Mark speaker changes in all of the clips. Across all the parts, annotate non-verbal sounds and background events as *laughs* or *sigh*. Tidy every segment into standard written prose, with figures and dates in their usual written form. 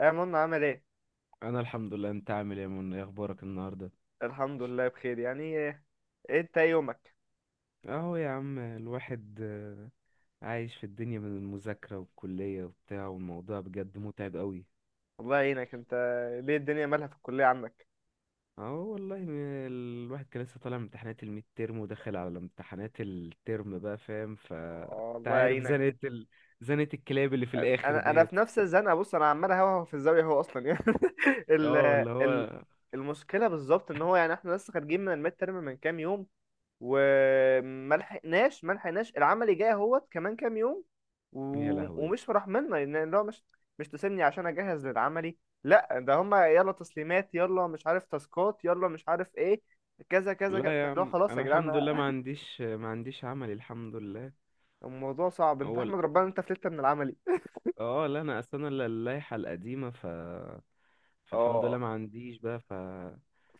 Speaker 1: يا منى عامل ايه؟
Speaker 2: انا الحمد لله، انت عامل ايه يا منى؟ ايه اخبارك النهارده؟
Speaker 1: الحمد لله بخير. يعني ايه إيه انت؟ ايه يومك؟
Speaker 2: اهو يا عم الواحد عايش في الدنيا من المذاكره والكليه وبتاع، والموضوع بجد متعب قوي.
Speaker 1: الله يعينك انت. ليه الدنيا مالها في الكليه عنك؟
Speaker 2: اهو والله الواحد كان لسه طالع من امتحانات الميد ترم وداخل على امتحانات الترم بقى، فاهم؟ ف
Speaker 1: آه،
Speaker 2: انت
Speaker 1: الله
Speaker 2: عارف
Speaker 1: يعينك.
Speaker 2: زنقه ال... زنقه الكلاب اللي في الاخر
Speaker 1: انا في
Speaker 2: ديت.
Speaker 1: نفس الزنقه. بص انا عمال اهوهو في الزاويه، هو اصلا يعني *laughs* ال
Speaker 2: اه اللي
Speaker 1: ال
Speaker 2: هو
Speaker 1: المشكله بالظبط ان هو، يعني احنا لسه خارجين من الميد ترم من كام يوم، وما لحقناش ما لحقناش العمل جاي اهوت كمان كام يوم و...
Speaker 2: يا لهوي.
Speaker 1: ومش مرحمنا، لان هو مش تسيبني عشان اجهز للعملي. لا ده هما يلا تسليمات، يلا مش عارف تاسكات، يلا مش عارف ايه، كذا كذا كذا.
Speaker 2: لا يا
Speaker 1: لا
Speaker 2: عم
Speaker 1: خلاص يا
Speaker 2: انا
Speaker 1: جدعان.
Speaker 2: الحمد لله، ما عنديش عمل الحمد لله.
Speaker 1: *laughs* الموضوع صعب، انت
Speaker 2: اول
Speaker 1: احمد ربنا إن انت فلتت من العملي.
Speaker 2: اه لا انا اصلا انا اللائحه القديمه، ف فالحمد لله
Speaker 1: اه
Speaker 2: ما عنديش بقى. ف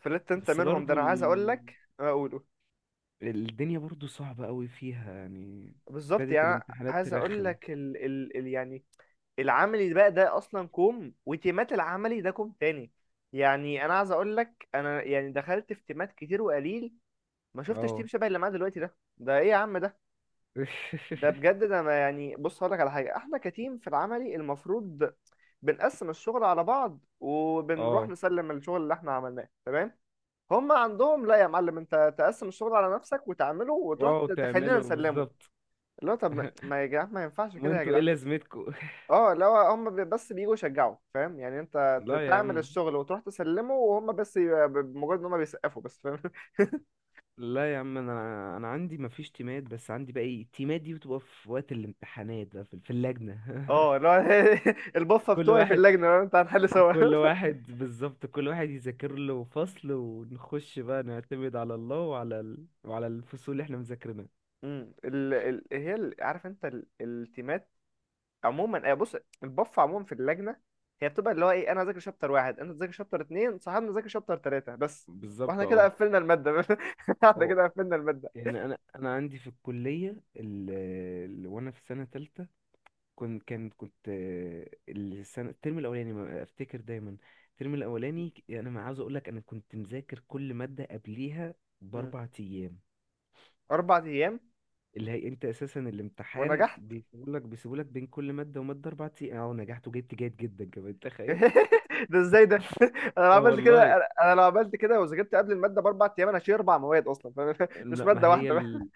Speaker 1: فلتت انت
Speaker 2: بس
Speaker 1: منهم، ده
Speaker 2: برضو
Speaker 1: انا
Speaker 2: ال...
Speaker 1: عايز اقول لك. اقوله
Speaker 2: الدنيا برضو صعبة قوي فيها يعني.
Speaker 1: بالظبط.
Speaker 2: ابتدت
Speaker 1: يعني أنا
Speaker 2: الامتحانات
Speaker 1: عايز اقول
Speaker 2: ترخم.
Speaker 1: لك يعني العملي بقى ده اصلا كوم، وتيمات العملي ده كوم تاني. يعني انا عايز اقول لك، انا يعني دخلت في تيمات كتير، وقليل ما شفتش تيم
Speaker 2: اه
Speaker 1: شبه اللي معاه دلوقتي ده. ده ايه يا عم ده؟ ده
Speaker 2: *laughs*
Speaker 1: بجد ده، ما يعني بص هقول لك على حاجه، احنا كتيم في العملي المفروض بنقسم الشغل على بعض، وبنروح
Speaker 2: اه،
Speaker 1: نسلم الشغل اللي احنا عملناه، تمام؟ هم عندهم لا يا معلم، انت تقسم الشغل على نفسك وتعمله وتروح
Speaker 2: واو
Speaker 1: تخلينا
Speaker 2: تعملوا
Speaker 1: نسلمه.
Speaker 2: بالظبط.
Speaker 1: اللي هو طب ما
Speaker 2: *laughs*
Speaker 1: ما يا جدعان، ما ينفعش كده يا
Speaker 2: وانتوا ايه
Speaker 1: جدعان.
Speaker 2: لازمتكوا؟ *laughs*
Speaker 1: اه لو هم بس بييجوا يشجعوا، فاهم يعني. انت
Speaker 2: لا يا
Speaker 1: تعمل
Speaker 2: عم.
Speaker 1: الشغل وتروح تسلمه، وهم بس بمجرد ان هم بيسقفوا بس، فاهم؟ *laughs*
Speaker 2: لا يا عم انا عندي مفيش تيمات، بس عندي بقى ايه، التيمات دي بتبقى في وقت الامتحانات بقى في اللجنة.
Speaker 1: اه اللي هو *laughs*
Speaker 2: *laughs*
Speaker 1: البفه
Speaker 2: كل
Speaker 1: بتوعي في
Speaker 2: واحد،
Speaker 1: اللجنه، فاهم؟ انت هنحل سوا.
Speaker 2: كل
Speaker 1: *laughs*
Speaker 2: واحد بالظبط، كل واحد يذاكر له فصل، ونخش بقى نعتمد على الله وعلى ال... وعلى الفصول اللي احنا مذاكرينها.
Speaker 1: هي عارف انت، التيمات عموما، آه، بص. البفه عموما في اللجنه هي بتبقى اللي هو ايه، انا ذاكر شابتر واحد، انت ذاكر شابتر اتنين، صاحبنا ذاكر شابتر تلاته، بس.
Speaker 2: بالظبط
Speaker 1: واحنا كده
Speaker 2: اه.
Speaker 1: قفلنا الماده. *laughs* احنا
Speaker 2: هو
Speaker 1: كده قفلنا الماده.
Speaker 2: يعني انا عندي في الكليه ال... ال... وانا في سنه تالتة، كنت آه، السنه الترم الاولاني ما افتكر دايما، الترم الاولاني انا ما عاوز اقول لك، انا كنت مذاكر كل ماده قبليها
Speaker 1: مم.
Speaker 2: باربع ايام.
Speaker 1: اربع ايام؟
Speaker 2: اللي هي انت اساسا الامتحان
Speaker 1: ونجحت؟
Speaker 2: بيسيبولك بين كل ماده وماده اربع ايام، اه ونجحت وجبت جيد جدا كمان، تخيل.
Speaker 1: *laughs* ده ازاي ده؟ انا لو
Speaker 2: اه
Speaker 1: عملت كده،
Speaker 2: والله.
Speaker 1: أنا لو عملت كده وذاكرت قبل الماده باربع ايام، انا هشيل اربع مواد اصلا فاهم، *laughs* مش
Speaker 2: لا
Speaker 1: ماده
Speaker 2: ما هي
Speaker 1: واحده.
Speaker 2: ال...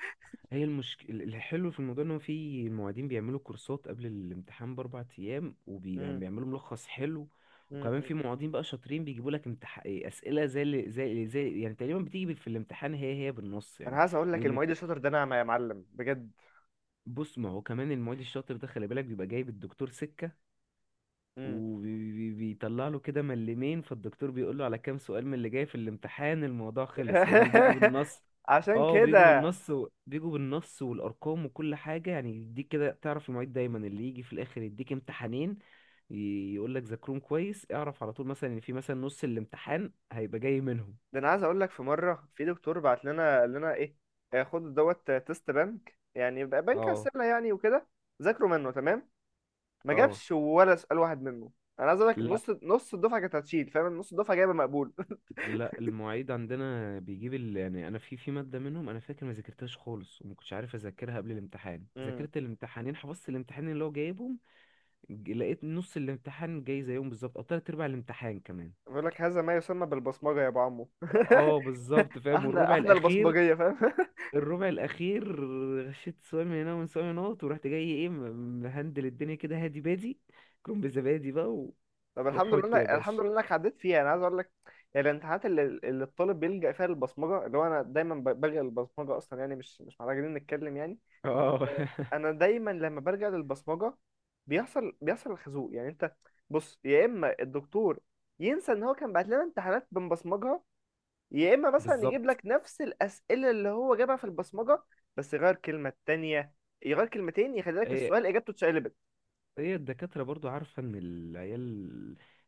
Speaker 2: هي المشكله الحلو في الموضوع ان هو في معيدين بيعملوا كورسات قبل الامتحان باربع ايام،
Speaker 1: مم.
Speaker 2: وبيعملوا ملخص حلو.
Speaker 1: مم.
Speaker 2: وكمان في
Speaker 1: مم.
Speaker 2: معيدين بقى شاطرين بيجيبوا لك ايه، اسئله زي اللي زي يعني تقريبا بتيجي في الامتحان هي هي بالنص
Speaker 1: انا
Speaker 2: يعني.
Speaker 1: عايز اقول لك،
Speaker 2: بيقوم يت-
Speaker 1: المعيد الشاطر ده نعمه يا معلم بجد.
Speaker 2: بص ما هو كمان المعيد الشاطر ده خلي بالك بيبقى جايب الدكتور سكه،
Speaker 1: مم.
Speaker 2: وبيطلع له كده ملمين، فالدكتور بيقول له على كام سؤال من اللي جاي في الامتحان، الموضوع خلص فاهمني، بيجوا
Speaker 1: *laughs*
Speaker 2: بالنص.
Speaker 1: عشان
Speaker 2: اه بيجوا
Speaker 1: كده.
Speaker 2: بالنص و... بيجوا بالنص والارقام وكل حاجه يعني، يديك كده تعرف المعيد دايما اللي يجي في الاخر يديك امتحانين يقول لك ذاكرهم كويس، اعرف على طول مثلا ان في مثلا نص الامتحان هيبقى جاي منهم.
Speaker 1: ده انا عايز اقول لك، في مره في دكتور بعت لنا قال لنا ايه، آه، خد دوت آه، تيست بنك، يعني بنك
Speaker 2: اه
Speaker 1: اسئله يعني، وكده. ذاكروا منه تمام. ما
Speaker 2: اه.
Speaker 1: جابش ولا سؤال واحد منه. انا عايز اقول لك
Speaker 2: لا
Speaker 1: نص الدفعه كانت هتشيل فاهم. نص الدفعه جايبه مقبول.
Speaker 2: لا المعيد عندنا بيجيب ال... يعني انا في في ماده منهم انا فاكر ما ذاكرتهاش خالص، وما كنتش عارف اذاكرها قبل الامتحان،
Speaker 1: *laughs* مم.
Speaker 2: ذاكرت الامتحانين، حفظت الامتحانين اللي هو جايبهم. لقيت نص الامتحان جاي زيهم بالظبط، او تلات ارباع الامتحان كمان.
Speaker 1: بيقول لك هذا ما يسمى بالبصمجه يا ابو عمو. *laughs*
Speaker 2: اه بالظبط فاهم.
Speaker 1: احنا
Speaker 2: والربع
Speaker 1: احنا
Speaker 2: الاخير،
Speaker 1: البصمجيه فاهم. *laughs*
Speaker 2: الربع الاخير غشيت سؤال من هنا، ومن سؤال من هنا، ورحت جاي ايه، مهندل الدنيا كده هادي بادي، كوم بزبادي بقى و...
Speaker 1: طب الحمد لله
Speaker 2: وحط يا
Speaker 1: انك الحمد
Speaker 2: باشا.
Speaker 1: لله انك عديت فيها، انا عايز اقول لك. يعني الامتحانات اللي الطالب بيلجأ فيها للبصمجه، اللي هو انا دايما بلجأ للبصمجه اصلا يعني، مش محتاجين نتكلم يعني.
Speaker 2: اه *laughs*
Speaker 1: انا دايما لما بلجأ للبصمجه بيحصل الخازوق، يعني انت بص يا اما الدكتور ينسى ان هو كان بعت لنا امتحانات بنبصمجها، يا اما مثلا يجيب
Speaker 2: بالظبط
Speaker 1: لك نفس الاسئله اللي هو جابها في البصمجه، بس يغير كلمه تانية، يغير كلمتين، يخلي لك
Speaker 2: آه،
Speaker 1: السؤال اجابته اتشقلبت.
Speaker 2: هي الدكاترة برضو عارفة ان العيال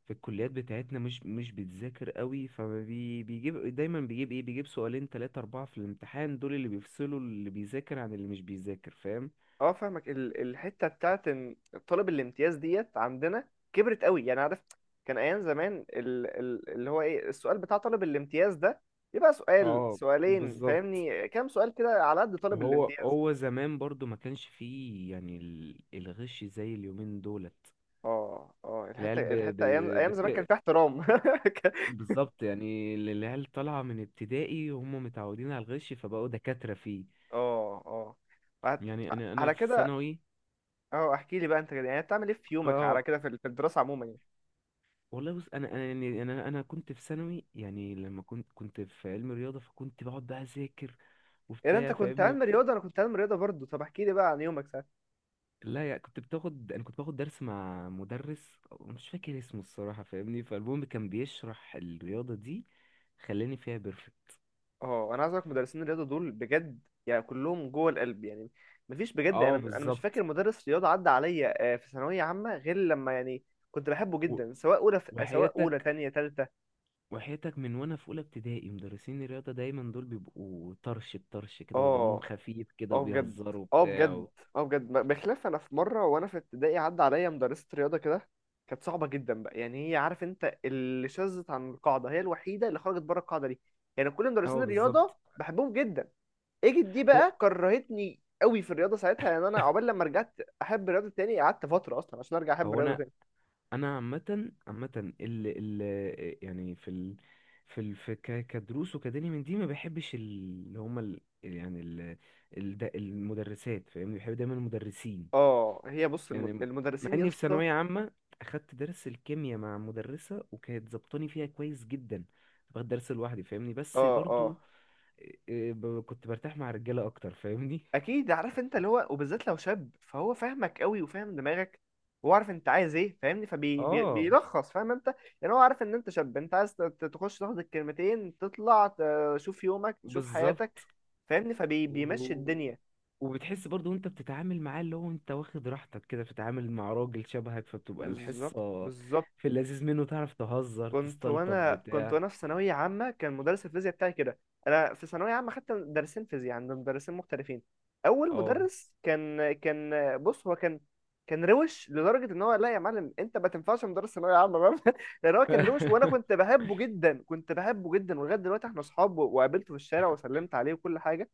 Speaker 2: في الكليات بتاعتنا مش بتذاكر قوي، فبيجيب دايما، بيجيب ايه، بيجيب سؤالين تلاتة اربعة في الامتحان، دول اللي بيفصلوا اللي بيذاكر عن اللي مش بيذاكر، فاهم.
Speaker 1: اه فاهمك، الحته بتاعت ان طلب الامتياز ديت عندنا كبرت قوي، يعني عارف. كان ايام زمان اللي هو ايه، السؤال بتاع طالب الامتياز ده يبقى سؤال
Speaker 2: اه
Speaker 1: سؤالين
Speaker 2: بالظبط.
Speaker 1: فاهمني، كام سؤال كده على قد طالب
Speaker 2: هو
Speaker 1: الامتياز.
Speaker 2: هو زمان برضو ما كانش فيه يعني الغش زي اليومين دولت.
Speaker 1: اه اه،
Speaker 2: العيال
Speaker 1: الحته
Speaker 2: ب... ب...
Speaker 1: الحته ايام زمان كان
Speaker 2: بت...
Speaker 1: فيها احترام. *laughs*
Speaker 2: بالظبط، يعني العيال طالعة من ابتدائي وهم متعودين على الغش، فبقوا دكاترة فيه.
Speaker 1: اه اه وهت-
Speaker 2: يعني انا
Speaker 1: على
Speaker 2: في
Speaker 1: كده.
Speaker 2: ثانوي.
Speaker 1: اه احكي لي بقى انت كده، يعني بتعمل ايه في يومك،
Speaker 2: اه
Speaker 1: على كده في في الدراسه عموما يعني.
Speaker 2: والله بص، انا انا يعني يعني انا كنت في ثانوي، يعني لما كنت في علم رياضه، فكنت بقعد بقى اذاكر
Speaker 1: يعني انت
Speaker 2: وبتاع
Speaker 1: كنت
Speaker 2: فاهمني.
Speaker 1: علم رياضه، انا كنت علم رياضه برضه. طب احكي لي بقى عن يومك.
Speaker 2: لا يعني كنت بتاخد، انا كنت باخد درس مع مدرس مش فاكر اسمه الصراحه فاهمني، فالمهم كان بيشرح الرياضه دي، خلاني فيها بيرفكت.
Speaker 1: اه انا عايز اقولك، مدرسين الرياضه دول بجد يعني كلهم جوه القلب يعني. مفيش بجد،
Speaker 2: اه
Speaker 1: انا مش فاكر
Speaker 2: بالظبط.
Speaker 1: مدرس رياضه عدى عليا آه، في ثانويه عامه غير لما يعني كنت بحبه
Speaker 2: و-
Speaker 1: جدا، سواء اولى، سواء اولى،
Speaker 2: وحياتك،
Speaker 1: تانية، تالتة.
Speaker 2: وحياتك من وانا في اولى ابتدائي مدرسين الرياضه دايما دول بيبقوا طرش بطرش كده، ودمهم
Speaker 1: اه
Speaker 2: خفيف كده،
Speaker 1: اه بجد،
Speaker 2: وبيهزروا
Speaker 1: اه
Speaker 2: وبتاع
Speaker 1: بجد،
Speaker 2: و...
Speaker 1: اه بجد. بخلاف انا في مره وانا في ابتدائي عدى عليا مدرسه رياضه كده، كانت صعبه جدا بقى يعني. هي عارف انت اللي شذت عن القاعده، هي الوحيده اللي خرجت بره القاعده دي. يعني كل مدرسين
Speaker 2: اه
Speaker 1: الرياضه
Speaker 2: بالظبط.
Speaker 1: بحبهم جدا، اجت دي
Speaker 2: هو
Speaker 1: بقى كرهتني قوي في الرياضه ساعتها. يعني انا
Speaker 2: *laughs*
Speaker 1: عقبال لما رجعت احب الرياضه تاني، قعدت فتره اصلا عشان ارجع احب
Speaker 2: هو
Speaker 1: الرياضه
Speaker 2: انا،
Speaker 1: تاني.
Speaker 2: انا عامه عامه، ال ال يعني في ال في ال في كدروس وكدني من دي ما بحبش اللي هما ال يعني ال ال المدرسات فاهمني، بحب دايما المدرسين.
Speaker 1: اه هي بص
Speaker 2: يعني مع
Speaker 1: المدرسين يا
Speaker 2: اني في
Speaker 1: اسطى.
Speaker 2: ثانويه عامه اخدت درس الكيمياء مع مدرسه، وكانت ظبطاني فيها كويس جدا، باخد درس لوحدي فاهمني، بس
Speaker 1: اه اه
Speaker 2: برضو إيه، كنت برتاح مع رجاله اكتر فاهمني.
Speaker 1: اكيد، عارف انت اللي هو، وبالذات لو شاب فهو فاهمك قوي وفاهم دماغك وعارف انت عايز ايه، فاهمني،
Speaker 2: اه
Speaker 1: فبيلخص فاهم انت. يعني هو عارف ان انت شاب، انت عايز تخش تاخد الكلمتين تطلع تشوف يومك تشوف حياتك،
Speaker 2: بالظبط.
Speaker 1: فاهمني، فبيمشي الدنيا.
Speaker 2: وبتحس برضو وانت بتتعامل معاه اللي هو انت واخد راحتك كده، بتتعامل مع راجل شبهك، فبتبقى
Speaker 1: بالظبط
Speaker 2: الحصة
Speaker 1: بالظبط.
Speaker 2: في اللذيذ منه، تعرف تهزر
Speaker 1: كنت
Speaker 2: تستلطف
Speaker 1: وانا كنت
Speaker 2: بتاع.
Speaker 1: وانا في ثانويه عامه كان مدرس الفيزياء بتاعي كده. انا في ثانويه عامه خدت مدرسين فيزياء عند مدرسين مختلفين. اول
Speaker 2: اه
Speaker 1: مدرس كان بص هو كان روش لدرجه ان هو، لا يا معلم انت ما تنفعش مدرس ثانويه عامه، فاهم. *laughs* لان هو كان روش، وانا
Speaker 2: *laughs*
Speaker 1: كنت بحبه جدا، كنت بحبه جدا، ولغايه دلوقتي احنا اصحاب، وقابلته في الشارع وسلمت عليه وكل حاجه.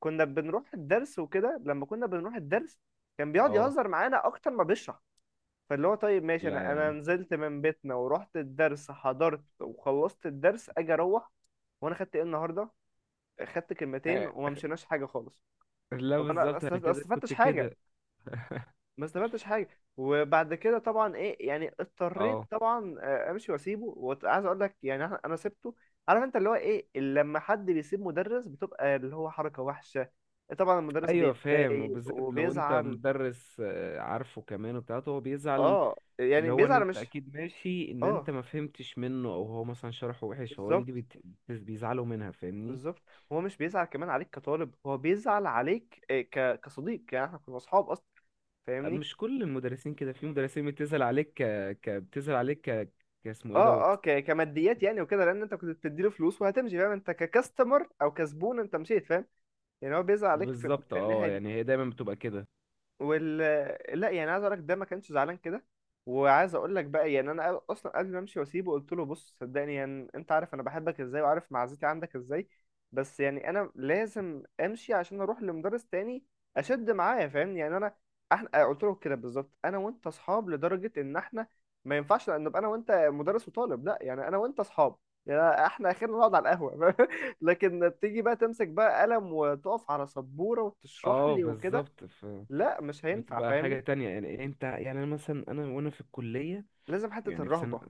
Speaker 1: كنا بنروح الدرس وكده، لما كنا بنروح الدرس كان بيقعد
Speaker 2: اه
Speaker 1: يهزر معانا اكتر ما بيشرح. فاللي هو طيب ماشي،
Speaker 2: لا
Speaker 1: انا
Speaker 2: يا عم.
Speaker 1: نزلت من بيتنا ورحت الدرس، حضرت وخلصت الدرس، اجي اروح، وانا خدت ايه النهارده؟ خدت كلمتين
Speaker 2: آه،
Speaker 1: وما مشيناش حاجه خالص.
Speaker 2: لا
Speaker 1: طب انا
Speaker 2: بالظبط انا
Speaker 1: ما
Speaker 2: كده كنت
Speaker 1: استفدتش حاجه،
Speaker 2: كده.
Speaker 1: ما استفدتش حاجه. وبعد كده طبعا ايه يعني، اضطريت
Speaker 2: اه
Speaker 1: طبعا آه، امشي واسيبه. وعايز اقول لك يعني، انا سبته. عارف انت اللي هو ايه، لما حد بيسيب مدرس بتبقى اللي هو حركه وحشه، طبعا المدرس
Speaker 2: ايوه فاهم،
Speaker 1: بيتضايق
Speaker 2: وبالذات لو انت
Speaker 1: وبيزعل.
Speaker 2: مدرس آه، عارفه كمان وبتاعته هو بيزعل.
Speaker 1: اه يعني
Speaker 2: اللي هو ان
Speaker 1: بيزعل،
Speaker 2: انت
Speaker 1: مش
Speaker 2: اكيد ماشي ان انت
Speaker 1: اه.
Speaker 2: ما فهمتش منه، او هو مثلا شرحه وحش، فهو
Speaker 1: بالظبط
Speaker 2: دي بيزعلوا منها فاهمني.
Speaker 1: بالظبط. هو مش بيزعل كمان عليك كطالب، هو بيزعل عليك آه، ك... كصديق يعني، احنا كنا اصحاب اصلا فاهمني.
Speaker 2: مش كل المدرسين كده، في مدرسين بتسأل عليك ك... ك... بتسأل عليك ك... كاسمه ايه
Speaker 1: اه اه
Speaker 2: دوت.
Speaker 1: ك... كماديات يعني وكده، لان انت كنت بتديله فلوس وهتمشي فاهم، انت ككاستمر او كزبون انت مشيت فاهم. يعني هو بيزعل عليك في,
Speaker 2: بالظبط
Speaker 1: في الناحيه
Speaker 2: اه،
Speaker 1: دي.
Speaker 2: يعني هي دايما بتبقى كده.
Speaker 1: وال لا، يعني عايز اقول لك، ده ما كانش زعلان كده. وعايز اقول لك بقى يعني انا اصلا قبل ما امشي واسيبه قلت له بص، صدقني يعني، انت عارف انا بحبك ازاي، وعارف معزتي عندك ازاي، بس يعني انا لازم امشي عشان اروح لمدرس تاني اشد معاه فاهمني. يعني انا احنا قلت له كده بالظبط، انا وانت اصحاب لدرجه ان احنا ما ينفعش ان نبقى انا وانت مدرس وطالب، لا يعني انا وانت اصحاب، يعني احنا اخرنا نقعد على القهوه، *laughs* لكن تيجي بقى تمسك بقى قلم وتقف على سبوره وتشرح
Speaker 2: اه
Speaker 1: لي وكده،
Speaker 2: بالظبط. ف...
Speaker 1: لا مش هينفع
Speaker 2: بتبقى حاجة
Speaker 1: فاهمني.
Speaker 2: تانية يعني، انت يعني انا مثلا انا وانا في الكلية،
Speaker 1: لازم حتة
Speaker 2: يعني في سنة،
Speaker 1: الرهبة.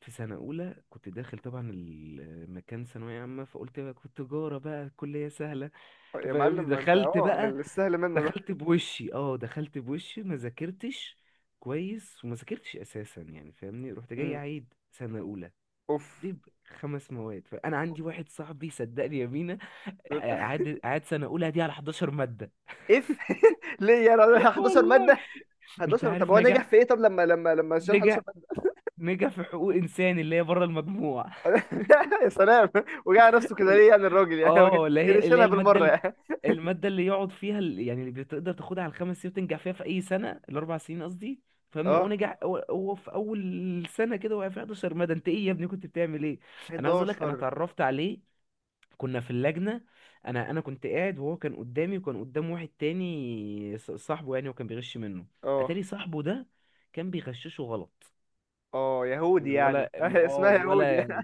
Speaker 2: في سنة أولى كنت داخل طبعا، المكان ثانوية عامة، فقلت بقى كنت تجارة بقى الكلية سهلة
Speaker 1: أه، يا
Speaker 2: فاهمني.
Speaker 1: معلم ما انت
Speaker 2: دخلت
Speaker 1: اه
Speaker 2: بقى،
Speaker 1: السهل منه ده.
Speaker 2: دخلت بوشي اه، دخلت بوشي ما ذاكرتش كويس، وما ذاكرتش أساسا يعني فاهمني، رحت جاي
Speaker 1: امم
Speaker 2: عيد سنة أولى
Speaker 1: اوف.
Speaker 2: دي خمس مواد، فانا
Speaker 1: أوف.
Speaker 2: عندي واحد صاحبي صدقني يا مينا،
Speaker 1: *laughs*
Speaker 2: قعد سنه اولى دي على 11 ماده.
Speaker 1: اف. *laughs* ليه يعني؟
Speaker 2: *laughs*
Speaker 1: 11
Speaker 2: والله.
Speaker 1: مادة؟
Speaker 2: انت
Speaker 1: 11 طب
Speaker 2: عارف،
Speaker 1: هو
Speaker 2: نجح،
Speaker 1: نجح في ايه؟ طب لما لما شال 11
Speaker 2: نجح،
Speaker 1: مادة.
Speaker 2: نجح في حقوق انسان اللي هي بره المجموع.
Speaker 1: *laughs* يا سلام. وجع نفسه كده ليه يعني؟ الراجل يعني ما كان
Speaker 2: اه اللي
Speaker 1: كان
Speaker 2: هي، اللي هي
Speaker 1: يشيلها
Speaker 2: الماده
Speaker 1: بالمرة يعني.
Speaker 2: الماده اللي يقعد فيها يعني اللي بتقدر تاخدها على الخمس سنين وتنجح فيها في اي سنه، الاربع سنين قصدي فاهمني. هو
Speaker 1: اه
Speaker 2: نجح، هو في اول سنه كده وقع في 11 ماده، انت ايه يا ابني كنت بتعمل ايه. انا عايز اقول لك انا
Speaker 1: 11.
Speaker 2: اتعرفت عليه كنا في اللجنة، انا كنت قاعد وهو كان قدامي، وكان قدام واحد تاني صاحبه يعني، وكان بيغش منه.
Speaker 1: اه
Speaker 2: اتاري صاحبه ده كان بيغششه غلط.
Speaker 1: اه
Speaker 2: يعني
Speaker 1: يهودي يعني،
Speaker 2: الولا
Speaker 1: *laughs*
Speaker 2: اه
Speaker 1: اسمها يهودي.
Speaker 2: الولا،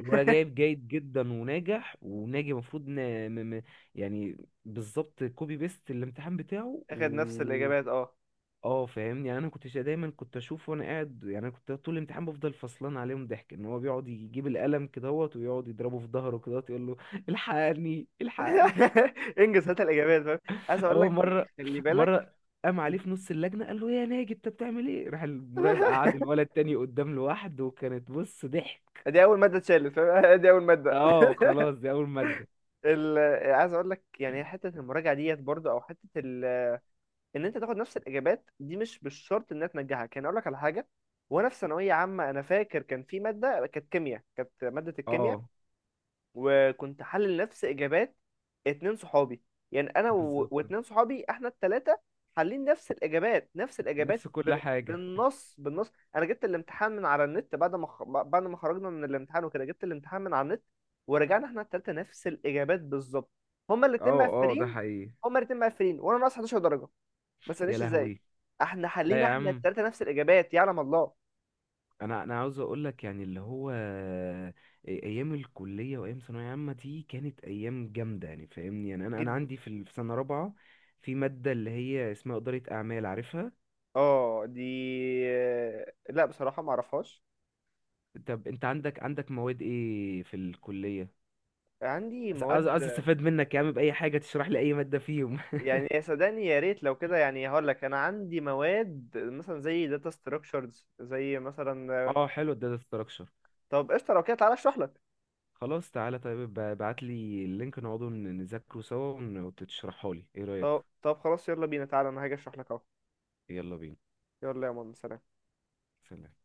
Speaker 2: الولا جايب جيد جدا وناجح وناجي المفروض ن... م... م... يعني بالظبط كوبي بيست الامتحان بتاعه
Speaker 1: اخد نفس
Speaker 2: و
Speaker 1: الاجابات، اه.
Speaker 2: اه فاهمني. يعني انا كنت دايما كنت اشوف وانا قاعد، يعني انا كنت طول الامتحان بفضل فصلان عليهم ضحك، ان هو بيقعد يجيب القلم كدهوت، ويقعد يضربه في ظهره كدهوت، يقول له الحقني الحقني.
Speaker 1: *laughs* انجز هات الاجابات فاهم. عايز اقول
Speaker 2: هو
Speaker 1: لك،
Speaker 2: مرة
Speaker 1: خلي بالك.
Speaker 2: مرة قام عليه في نص اللجنة، قال له يا ناجي انت بتعمل ايه، راح المراقب
Speaker 1: *laughs*
Speaker 2: قعد الولد تاني قدام لوحده، وكانت بص ضحك.
Speaker 1: دي اول ماده اتشالت فاهم. *laughs* دي اول ماده.
Speaker 2: اه خلاص دي اول مادة.
Speaker 1: ال... عايز اقول لك يعني، حته المراجعه ديت برضه، او حته ان انت تاخد نفس الاجابات دي مش بالشرط انها تنجحك. يعني اقول لك على حاجه، وانا في ثانويه عامه انا فاكر كان في ماده كانت كيمياء، كانت ماده الكيمياء،
Speaker 2: اه
Speaker 1: وكنت حلل نفس اجابات اتنين صحابي، يعني انا
Speaker 2: بالظبط
Speaker 1: واتنين صحابي، احنا التلاتة حالين نفس الاجابات، نفس الاجابات
Speaker 2: نفس كل حاجة.
Speaker 1: بالنص، بالنص. انا جبت الامتحان من على النت، بعد ما بعد ما خرجنا من الامتحان وكده، جبت الامتحان من على النت، ورجعنا احنا التلاتة نفس الاجابات بالظبط. هما الاتنين
Speaker 2: اه اه ده
Speaker 1: مقفلين،
Speaker 2: حقيقي.
Speaker 1: هما الاتنين مقفلين، وانا ناقص 11 درجة، ما
Speaker 2: يا
Speaker 1: تسألنيش ازاي.
Speaker 2: لهوي.
Speaker 1: احنا
Speaker 2: لا
Speaker 1: حلينا
Speaker 2: يا
Speaker 1: احنا
Speaker 2: عم،
Speaker 1: التلاتة نفس الاجابات يعلم الله.
Speaker 2: انا انا عاوز اقول لك يعني اللي هو آه، ايام الكلية وايام ثانوية عامة دي كانت ايام جامدة يعني فاهمني، يعني انا
Speaker 1: جدا.
Speaker 2: عندي في ال، في سنة رابعة في مادة اللي هي اسمها إدارة أعمال، عارفها؟
Speaker 1: اه دي، لا بصراحة ما اعرفهاش.
Speaker 2: طب انت عندك، عندك مواد ايه في الكلية،
Speaker 1: عندي
Speaker 2: عايز، عايز،
Speaker 1: مواد،
Speaker 2: عايز استفاد منك يا عم بأي حاجة تشرح لي اي مادة فيهم.
Speaker 1: يعني يا، صدقني يا ريت لو كده يعني. هقول لك انا عندي مواد مثلا زي داتا ستراكشرز، زي مثلا.
Speaker 2: *laughs* اه حلو الداتا ستراكشر.
Speaker 1: طب قشطه لو كده، تعالى اشرح لك.
Speaker 2: خلاص تعالى طيب ابعت لي اللينك، نقعدوا نذاكره سوا وتشرحه لي ايه رأيك.
Speaker 1: طب خلاص يلا بينا، تعالى انا هاجي اشرح لك اهو.
Speaker 2: يلا بينا.
Speaker 1: يلا يا ماما، سلام.
Speaker 2: سلام.